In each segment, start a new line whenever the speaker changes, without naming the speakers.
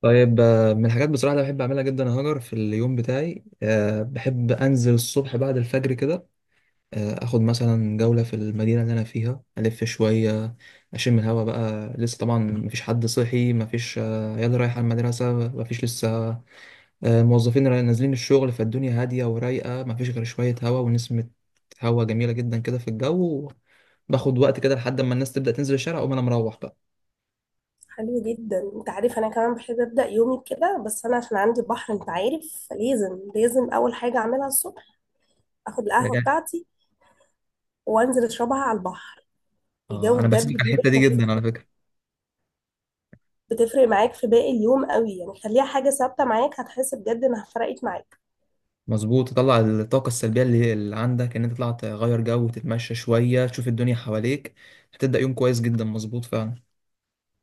طيب من الحاجات بصراحة اللي بحب أعملها جدا يا هاجر في اليوم بتاعي، بحب أنزل الصبح بعد الفجر كده. أخد مثلا جولة في المدينة اللي أنا فيها ألف شوية، أشم الهوا بقى. لسه طبعا مفيش حد صحي، مفيش عيال رايحة المدرسة، مفيش لسه موظفين نازلين الشغل، فالدنيا هادية ورايقة، مفيش غير شوية هوا ونسمة هوا جميلة جدا كده في الجو. باخد وقت كده لحد ما الناس تبدأ تنزل الشارع، أقوم أنا مروح بقى.
حلو جدا. انت عارف انا كمان بحب ابدا يومي كده، بس انا عشان عندي بحر. انت عارف لازم اول حاجه اعملها الصبح اخد القهوه
يعني-
بتاعتي وانزل اشربها على البحر.
اه
الجو
أنا بحب
بجد بيبقى
الحتة دي
تحفه،
جدا على فكرة.
بتفرق معاك في باقي اليوم قوي. يعني خليها حاجه ثابته معاك، هتحس بجد انها فرقت معاك.
مظبوط، تطلع الطاقة السلبية اللي عندك، ان انت تطلع تغير جو وتتمشى شوية، تشوف الدنيا حواليك، هتبدأ يوم كويس جدا. مظبوط فعلا،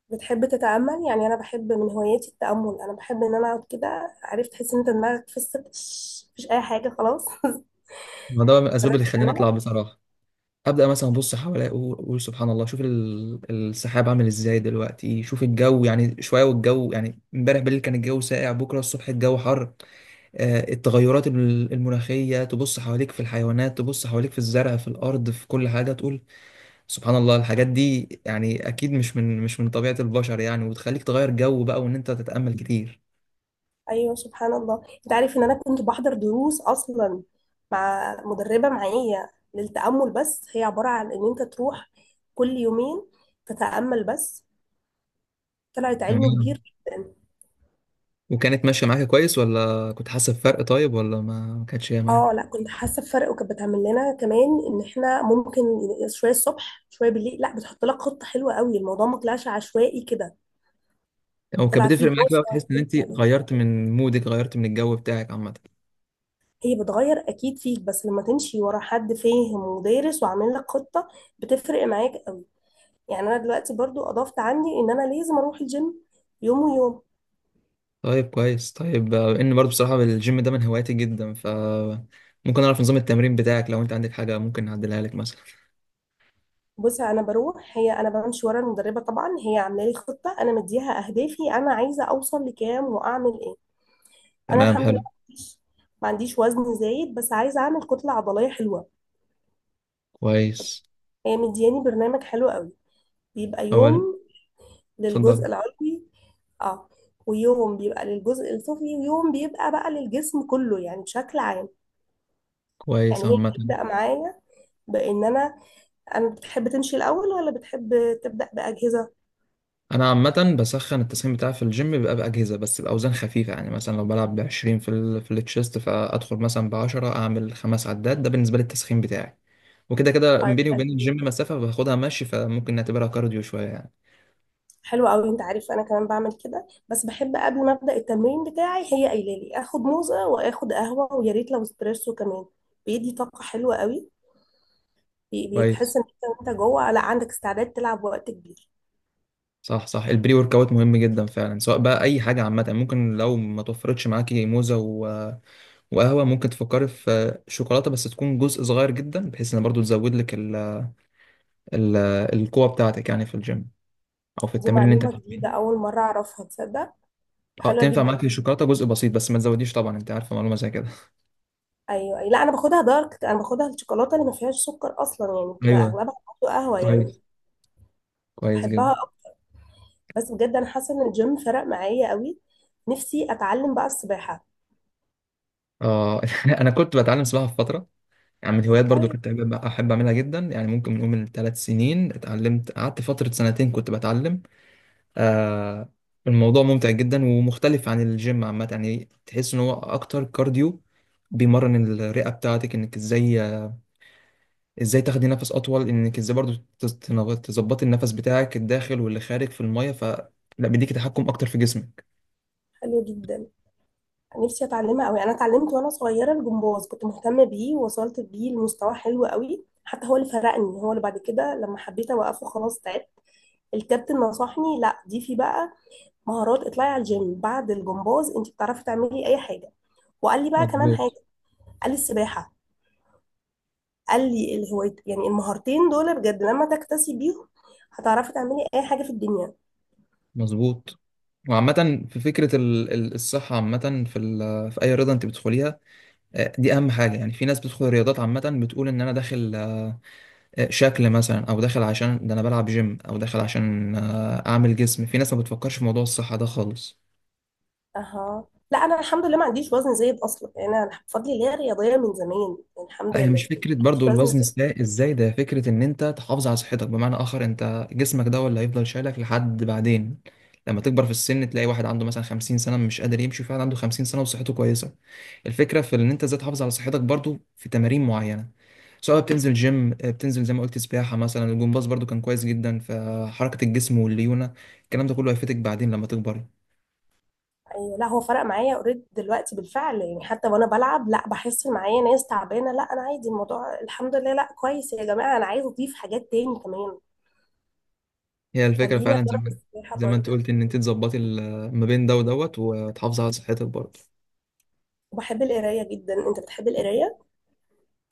بتحب تتامل؟ يعني انا بحب من هواياتي التامل، انا بحب ان انا اقعد كده. عرفت؟ تحس ان انت دماغك فصلت، مفيش اي حاجه خلاص.
ما ده من الاسباب اللي
جربت
خلاني اطلع
تعملها؟
بصراحة. ابدأ مثلا ابص حواليا، أقول سبحان الله، شوف السحاب عامل ازاي دلوقتي، شوف الجو يعني شوية، والجو يعني امبارح بالليل كان الجو ساقع، بكرة الصبح الجو حر. التغيرات المناخية، تبص حواليك في الحيوانات، تبص حواليك في الزرع، في الارض، في كل حاجة تقول سبحان الله. الحاجات دي يعني اكيد مش من طبيعة البشر يعني، وتخليك تغير جو بقى، وان انت تتأمل كتير.
ايوه، سبحان الله. انت عارف ان انا كنت بحضر دروس اصلا مع مدربه معايا للتامل، بس هي عباره عن ان انت تروح كل يومين تتامل بس. طلعت علم
تمام.
كبير جدا.
وكانت ماشية معاك كويس، ولا كنت حاسس بفرق؟ طيب ولا ما كانتش هي
اه،
معاك؟
لا كنت حاسه بفرق، وكانت بتعمل لنا كمان ان احنا ممكن شويه الصبح شويه بالليل. لا، بتحط لك خطه حلوه قوي، الموضوع ما طلعش عشوائي كده،
او كانت
طلع فيه
بتفرق معاك بقى، وتحس
دراسه.
ان انت غيرت من مودك، غيرت من الجو بتاعك عامة؟
هي بتغير اكيد فيك، بس لما تمشي ورا حد فاهم ودارس وعامل لك خطه بتفرق معاك. يعني انا دلوقتي برضو اضفت عندي ان انا لازم اروح الجيم يوم ويوم.
طيب كويس. طيب ان برضو بصراحة الجيم ده من هواياتي جدا، ف ممكن اعرف نظام التمرين بتاعك؟ لو انت عندك حاجة ممكن نعدلها لك مثلا.
بصي، انا بروح، هي انا بمشي ورا المدربه طبعا. هي عامله لي خطه، انا مديها اهدافي، انا عايزه اوصل لكام واعمل ايه. انا
تمام
الحمد لله
حلو.
ما عنديش، ما عنديش وزن زايد، بس عايزه اعمل كتله عضليه حلوه.
كويس.
هي مدياني برنامج حلو قوي، بيبقى
اول.
يوم للجزء
اتفضل.
العلوي. اه. ويوم بيبقى للجزء السفلي، ويوم بيبقى بقى للجسم كله يعني بشكل عام. يعني
كويس
هي
عامة.
بتبدأ معايا بان انا، أنا بتحب تمشي الأول ولا بتحب تبدأ بأجهزة؟
انا عامه بسخن، التسخين بتاعي في الجيم بيبقى باجهزه بس باوزان خفيفه، يعني مثلا لو بلعب ب 20 في ال في التشيست، فادخل مثلا ب 10 اعمل خمس عدات، ده بالنسبه لي التسخين بتاعي. وكده كده
طيب،
بيني
حلو
وبين الجيم
جدا.
مسافه باخدها مشي، فممكن نعتبرها كارديو شويه يعني.
حلو أوي. أنت عارف أنا كمان بعمل كده، بس بحب قبل ما أبدأ التمرين بتاعي، هي قايلة لي آخد موزة وآخد قهوة، ويا ريت لو اسبريسو كمان. بيدي طاقة حلوة أوي،
كويس.
بتحس إن أنت وأنت جوه، لا عندك استعداد تلعب وقت كبير.
صح صح، البري ورك اوت مهم جدا فعلا، سواء بقى اي حاجه عامه، ممكن لو ما توفرتش معاكي موزه وقهوه، ممكن تفكري في شوكولاته بس تكون جزء صغير جدا، بحيث ان برضو تزود لك ال- القوه بتاعتك يعني في الجيم او في
دي
التمرين اللي انت
معلومة
فيه.
جديدة، أول مرة أعرفها، تصدق؟
اه
حلوة
تنفع
جدا.
معاك الشوكولاته جزء بسيط، بس ما تزوديش طبعا، انت عارفه معلومه زي كده.
أيوه، أيوة. لا، أنا باخدها دارك، أنا باخدها الشوكولاتة اللي ما فيهاش سكر أصلا، يعني بتبقى
ايوه.
أغلبها قهوة يعني.
كويس. كويس
بحبها.
جدا.
بس بجد انا حاسه ان الجيم فرق معايا قوي. نفسي اتعلم بقى السباحه.
اه انا كنت بتعلم سباحه في فتره، يعني من الهوايات برضو
طيب،
كنت أحب اعملها جدا، يعني ممكن نقول من 3 سنين اتعلمت، قعدت فتره 2 سنين كنت بتعلم. آه الموضوع ممتع جدا ومختلف عن الجيم عامه، يعني تحس ان هو اكتر كارديو، بيمرن الرئه بتاعتك انك ازاي تاخدي نفس اطول، انك ازاي برضو تظبطي النفس بتاعك الداخل واللي خارج في الميه، ف لا بيديكي تحكم اكتر في جسمك.
حلو جدا. نفسي اتعلمها قوي. انا اتعلمت وانا صغيره الجمباز، كنت مهتمه بيه ووصلت بيه لمستوى حلو قوي، حتى هو اللي فرقني، هو اللي بعد كده لما حبيت اوقفه خلاص تعبت. الكابتن نصحني، لا دي في بقى مهارات. اطلعي على الجيم بعد الجمباز، انت بتعرفي تعملي اي حاجه. وقال لي بقى كمان حاجه،
مظبوط.
قال لي السباحه. قال لي الهواية، يعني المهارتين دول بجد لما تكتسي بيهم هتعرفي تعملي اي حاجه في الدنيا.
مظبوط. وعامة في فكرة الصحة عامة في في أي رياضة أنت بتدخليها، دي أهم حاجة. يعني في ناس بتدخل رياضات عامة بتقول إن أنا داخل شكل مثلا، أو داخل عشان ده أنا بلعب جيم، أو داخل عشان أعمل جسم. في ناس ما بتفكرش في موضوع الصحة ده خالص.
اها، لا انا الحمد لله ما عنديش وزن زايد اصلا، يعني انا بفضل اللي هي رياضيه من زمان، يعني الحمد
لا هي
لله
مش فكرة
ما عنديش
برضو
وزن
الوزن،
زايد.
ازاي ده فكرة ان انت تحافظ على صحتك، بمعنى اخر انت جسمك ده هو اللي هيفضل شايلك لحد بعدين، لما تكبر في السن تلاقي واحد عنده مثلا 50 سنة مش قادر يمشي، فعلا عنده 50 سنة وصحته كويسة. الفكرة في ان انت ازاي تحافظ على صحتك، برضو في تمارين معينة، سواء بتنزل جيم، بتنزل زي ما قلت سباحة مثلا، الجمباز برضو كان كويس جدا في حركة الجسم والليونة. الكلام ده كله هيفيدك بعدين لما تكبري.
ايوه، لا هو فرق معايا اوريدي دلوقتي بالفعل، يعني حتى وانا بلعب لا بحس إن معايا ناس تعبانه، لا انا عادي الموضوع الحمد لله. لا كويس يا جماعه، انا عايزه اضيف حاجات تاني كمان،
هي الفكرة
خليني
فعلا زي
اجرب
ما
السباحه
زي ما انت
برضه.
قلت، ان انت تظبطي ما بين ده ودوت، وتحافظي على صحتك برضو.
وبحب القرايه جدا، انت بتحب القرايه؟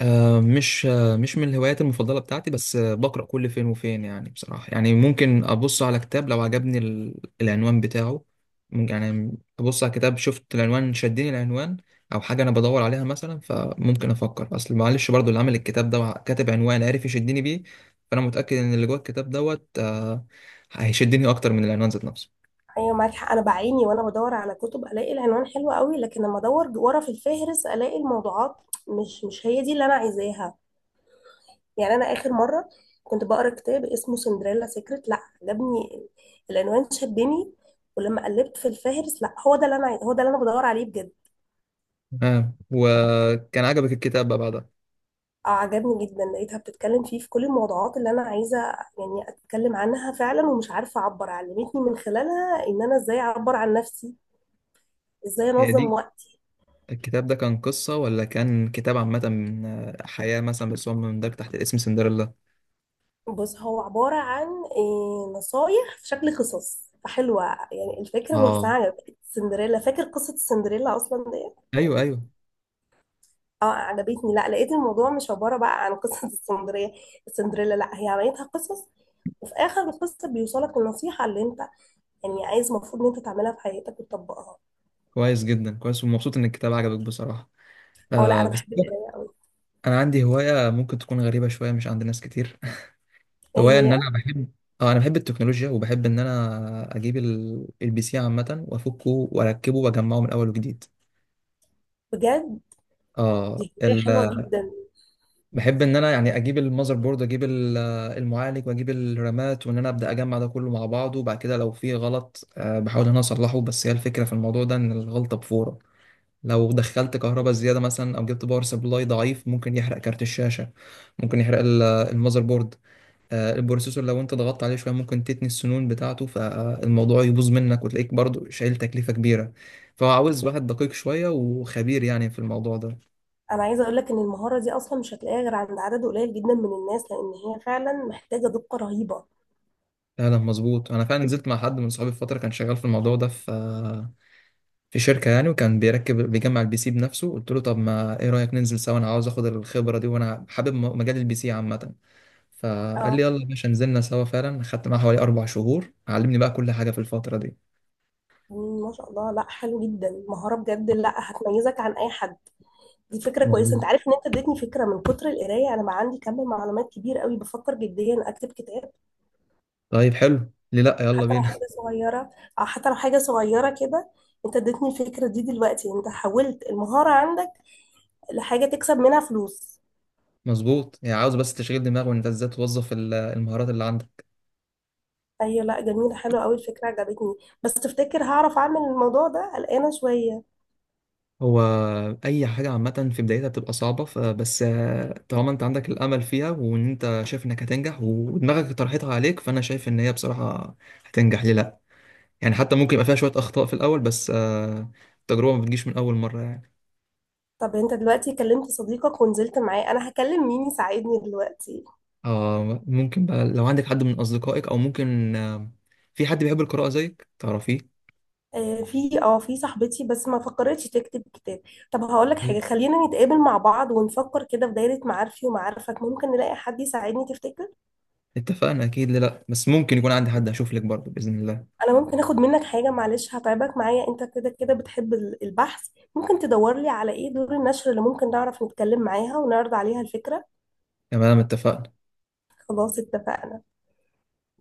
مش من الهوايات المفضلة بتاعتي، بس بقرأ كل فين وفين يعني بصراحة. يعني ممكن أبص على كتاب لو عجبني العنوان بتاعه، ممكن يعني أبص على كتاب شفت العنوان شدني العنوان، أو حاجة أنا بدور عليها مثلا. فممكن أفكر، أصل معلش برضو اللي عامل الكتاب ده كاتب عنوان عارف يشدني بيه، فأنا متأكد إن اللي جوه الكتاب دوت هيشدني أكتر من العنوان ذات نفسه.
ايوه، معاك حق. انا بعاني وانا بدور على كتب، الاقي العنوان حلو قوي، لكن لما ادور ورا في الفهرس الاقي الموضوعات مش هي دي اللي انا عايزاها. يعني انا اخر مره كنت بقرا كتاب اسمه سندريلا سيكريت، لا عجبني العنوان، شدني. ولما قلبت في الفهرس، لا هو ده اللي انا هو ده اللي انا بدور عليه بجد.
وكان عجبك الكتاب بقى بعدها؟
اه، عجبني جدا. لقيتها بتتكلم فيه في كل الموضوعات اللي انا عايزه، يعني اتكلم عنها فعلا. ومش عارفه اعبر، علمتني من خلالها ان انا ازاي اعبر عن نفسي، ازاي
هي
انظم
دي.
وقتي.
الكتاب ده كان قصة، ولا كان كتاب عامة من حياة مثلا، بس هو مندرج تحت اسم سندريلا؟
بص، هو عباره عن إيه، نصايح في شكل قصص فحلوة. يعني الفكرة نفسها
اه.
عجبتني. سندريلا، فاكر قصة السندريلا أصلا؟
أيوه أيوه.
اه، عجبتني. لا لقيت الموضوع مش عبارة بقى عن قصة السندرية، السندريلا، لا هي عملتها قصص. وفي آخر القصة بيوصلك النصيحة اللي انت يعني عايز، المفروض ان انت تعملها في حياتك وتطبقها.
كويس جدا، كويس. ومبسوط إن الكتاب عجبك بصراحة.
اه لا،
آه
انا
بس
بحب القراية.
أنا عندي هواية ممكن تكون غريبة شوية مش عند ناس كتير.
ايه
هواية إن
هي؟
أنا بحب، اه أنا بحب التكنولوجيا، وبحب إن أنا أجيب البي سي عامة وأفكه وأركبه وأجمعه من أول وجديد.
بجد،
اه
دي هواية حلوة جدا.
بحب ان انا يعني اجيب المذر بورد، اجيب المعالج، واجيب الرامات، وان انا ابدا اجمع ده كله مع بعضه. وبعد كده لو في غلط، بحاول ان انا اصلحه، بس هي الفكره في الموضوع ده ان الغلطه بفوره. لو دخلت كهرباء زياده مثلا، او جبت باور سبلاي ضعيف، ممكن يحرق كارت الشاشه، ممكن يحرق المذر بورد. البروسيسور لو انت ضغطت عليه شويه ممكن تتني السنون بتاعته، فالموضوع يبوظ منك وتلاقيك برضو شايل تكلفه كبيره. فعاوز واحد دقيق شويه وخبير يعني في الموضوع ده.
انا عايزة اقول لك ان المهارة دي اصلا مش هتلاقيها غير عند عدد قليل جدا من الناس، لان هي فعلا محتاجة دقة رهيبة.
لا مظبوط، انا فعلا نزلت مع حد من صحابي في فتره، كان شغال في الموضوع ده في في شركه يعني، وكان بيركب بيجمع البي سي بنفسه، قلت له طب ما ايه رايك ننزل سوا، انا عاوز اخد الخبره دي، وانا حابب مجال البي سي عامه. فقال لي
اه،
يلا يا باشا، نزلنا سوا فعلا، خدت معاه حوالي 4 شهور، علمني بقى كل حاجه في الفتره دي.
ما شاء الله. لا حلو جدا، مهارة بجد، لا هتميزك عن اي حد. دي فكرة كويسة،
مظبوط.
انت عارف ان انت اديتني فكرة. من كتر القراية انا بقى عندي كم معلومات كبير قوي، بفكر جديا اكتب كتاب.
طيب حلو، ليه لا، يلا
حتى لو
بينا.
حاجة صغيرة، او حتى لو حاجة صغيرة كده. انت اديتني الفكرة دي دلوقتي، انت حولت المهارة عندك لحاجة تكسب منها فلوس.
مظبوط، يعني عاوز بس تشغيل دماغ، وانت ازاي توظف المهارات اللي عندك.
ايوه، لا جميلة، حلوة قوي الفكرة، عجبتني. بس تفتكر هعرف اعمل الموضوع ده؟ قلقانة شوية.
هو اي حاجه عامه في بدايتها بتبقى صعبه، فبس طالما انت عندك الامل فيها، وان انت شايف انك هتنجح، ودماغك طرحتها عليك، فانا شايف ان هي بصراحه هتنجح، ليه لا؟ يعني حتى ممكن يبقى فيها شويه اخطاء في الاول، بس التجربه ما بتجيش من اول مره يعني.
طب انت دلوقتي كلمت صديقك ونزلت معاه، انا هكلم مين يساعدني دلوقتي؟
اه ممكن بقى لو عندك حد من اصدقائك، او ممكن في حد بيحب القراءه زيك تعرفيه.
في اه في صاحبتي، بس ما فكرتش تكتب كتاب. طب هقول لك
طيب
حاجه، خلينا نتقابل مع بعض ونفكر كده في دايره معارفي ومعارفك، ممكن نلاقي حد يساعدني، تفتكر؟
اتفقنا اكيد، ليه لا. بس ممكن يكون عندي حد هشوف لك برضه باذن الله.
انا ممكن اخد منك حاجه، معلش هتعبك معايا، انت كده كده بتحب البحث. ممكن تدور لي على ايه دور النشر اللي ممكن نعرف نتكلم معاها ونعرض عليها الفكره.
تمام اتفقنا.
خلاص، اتفقنا.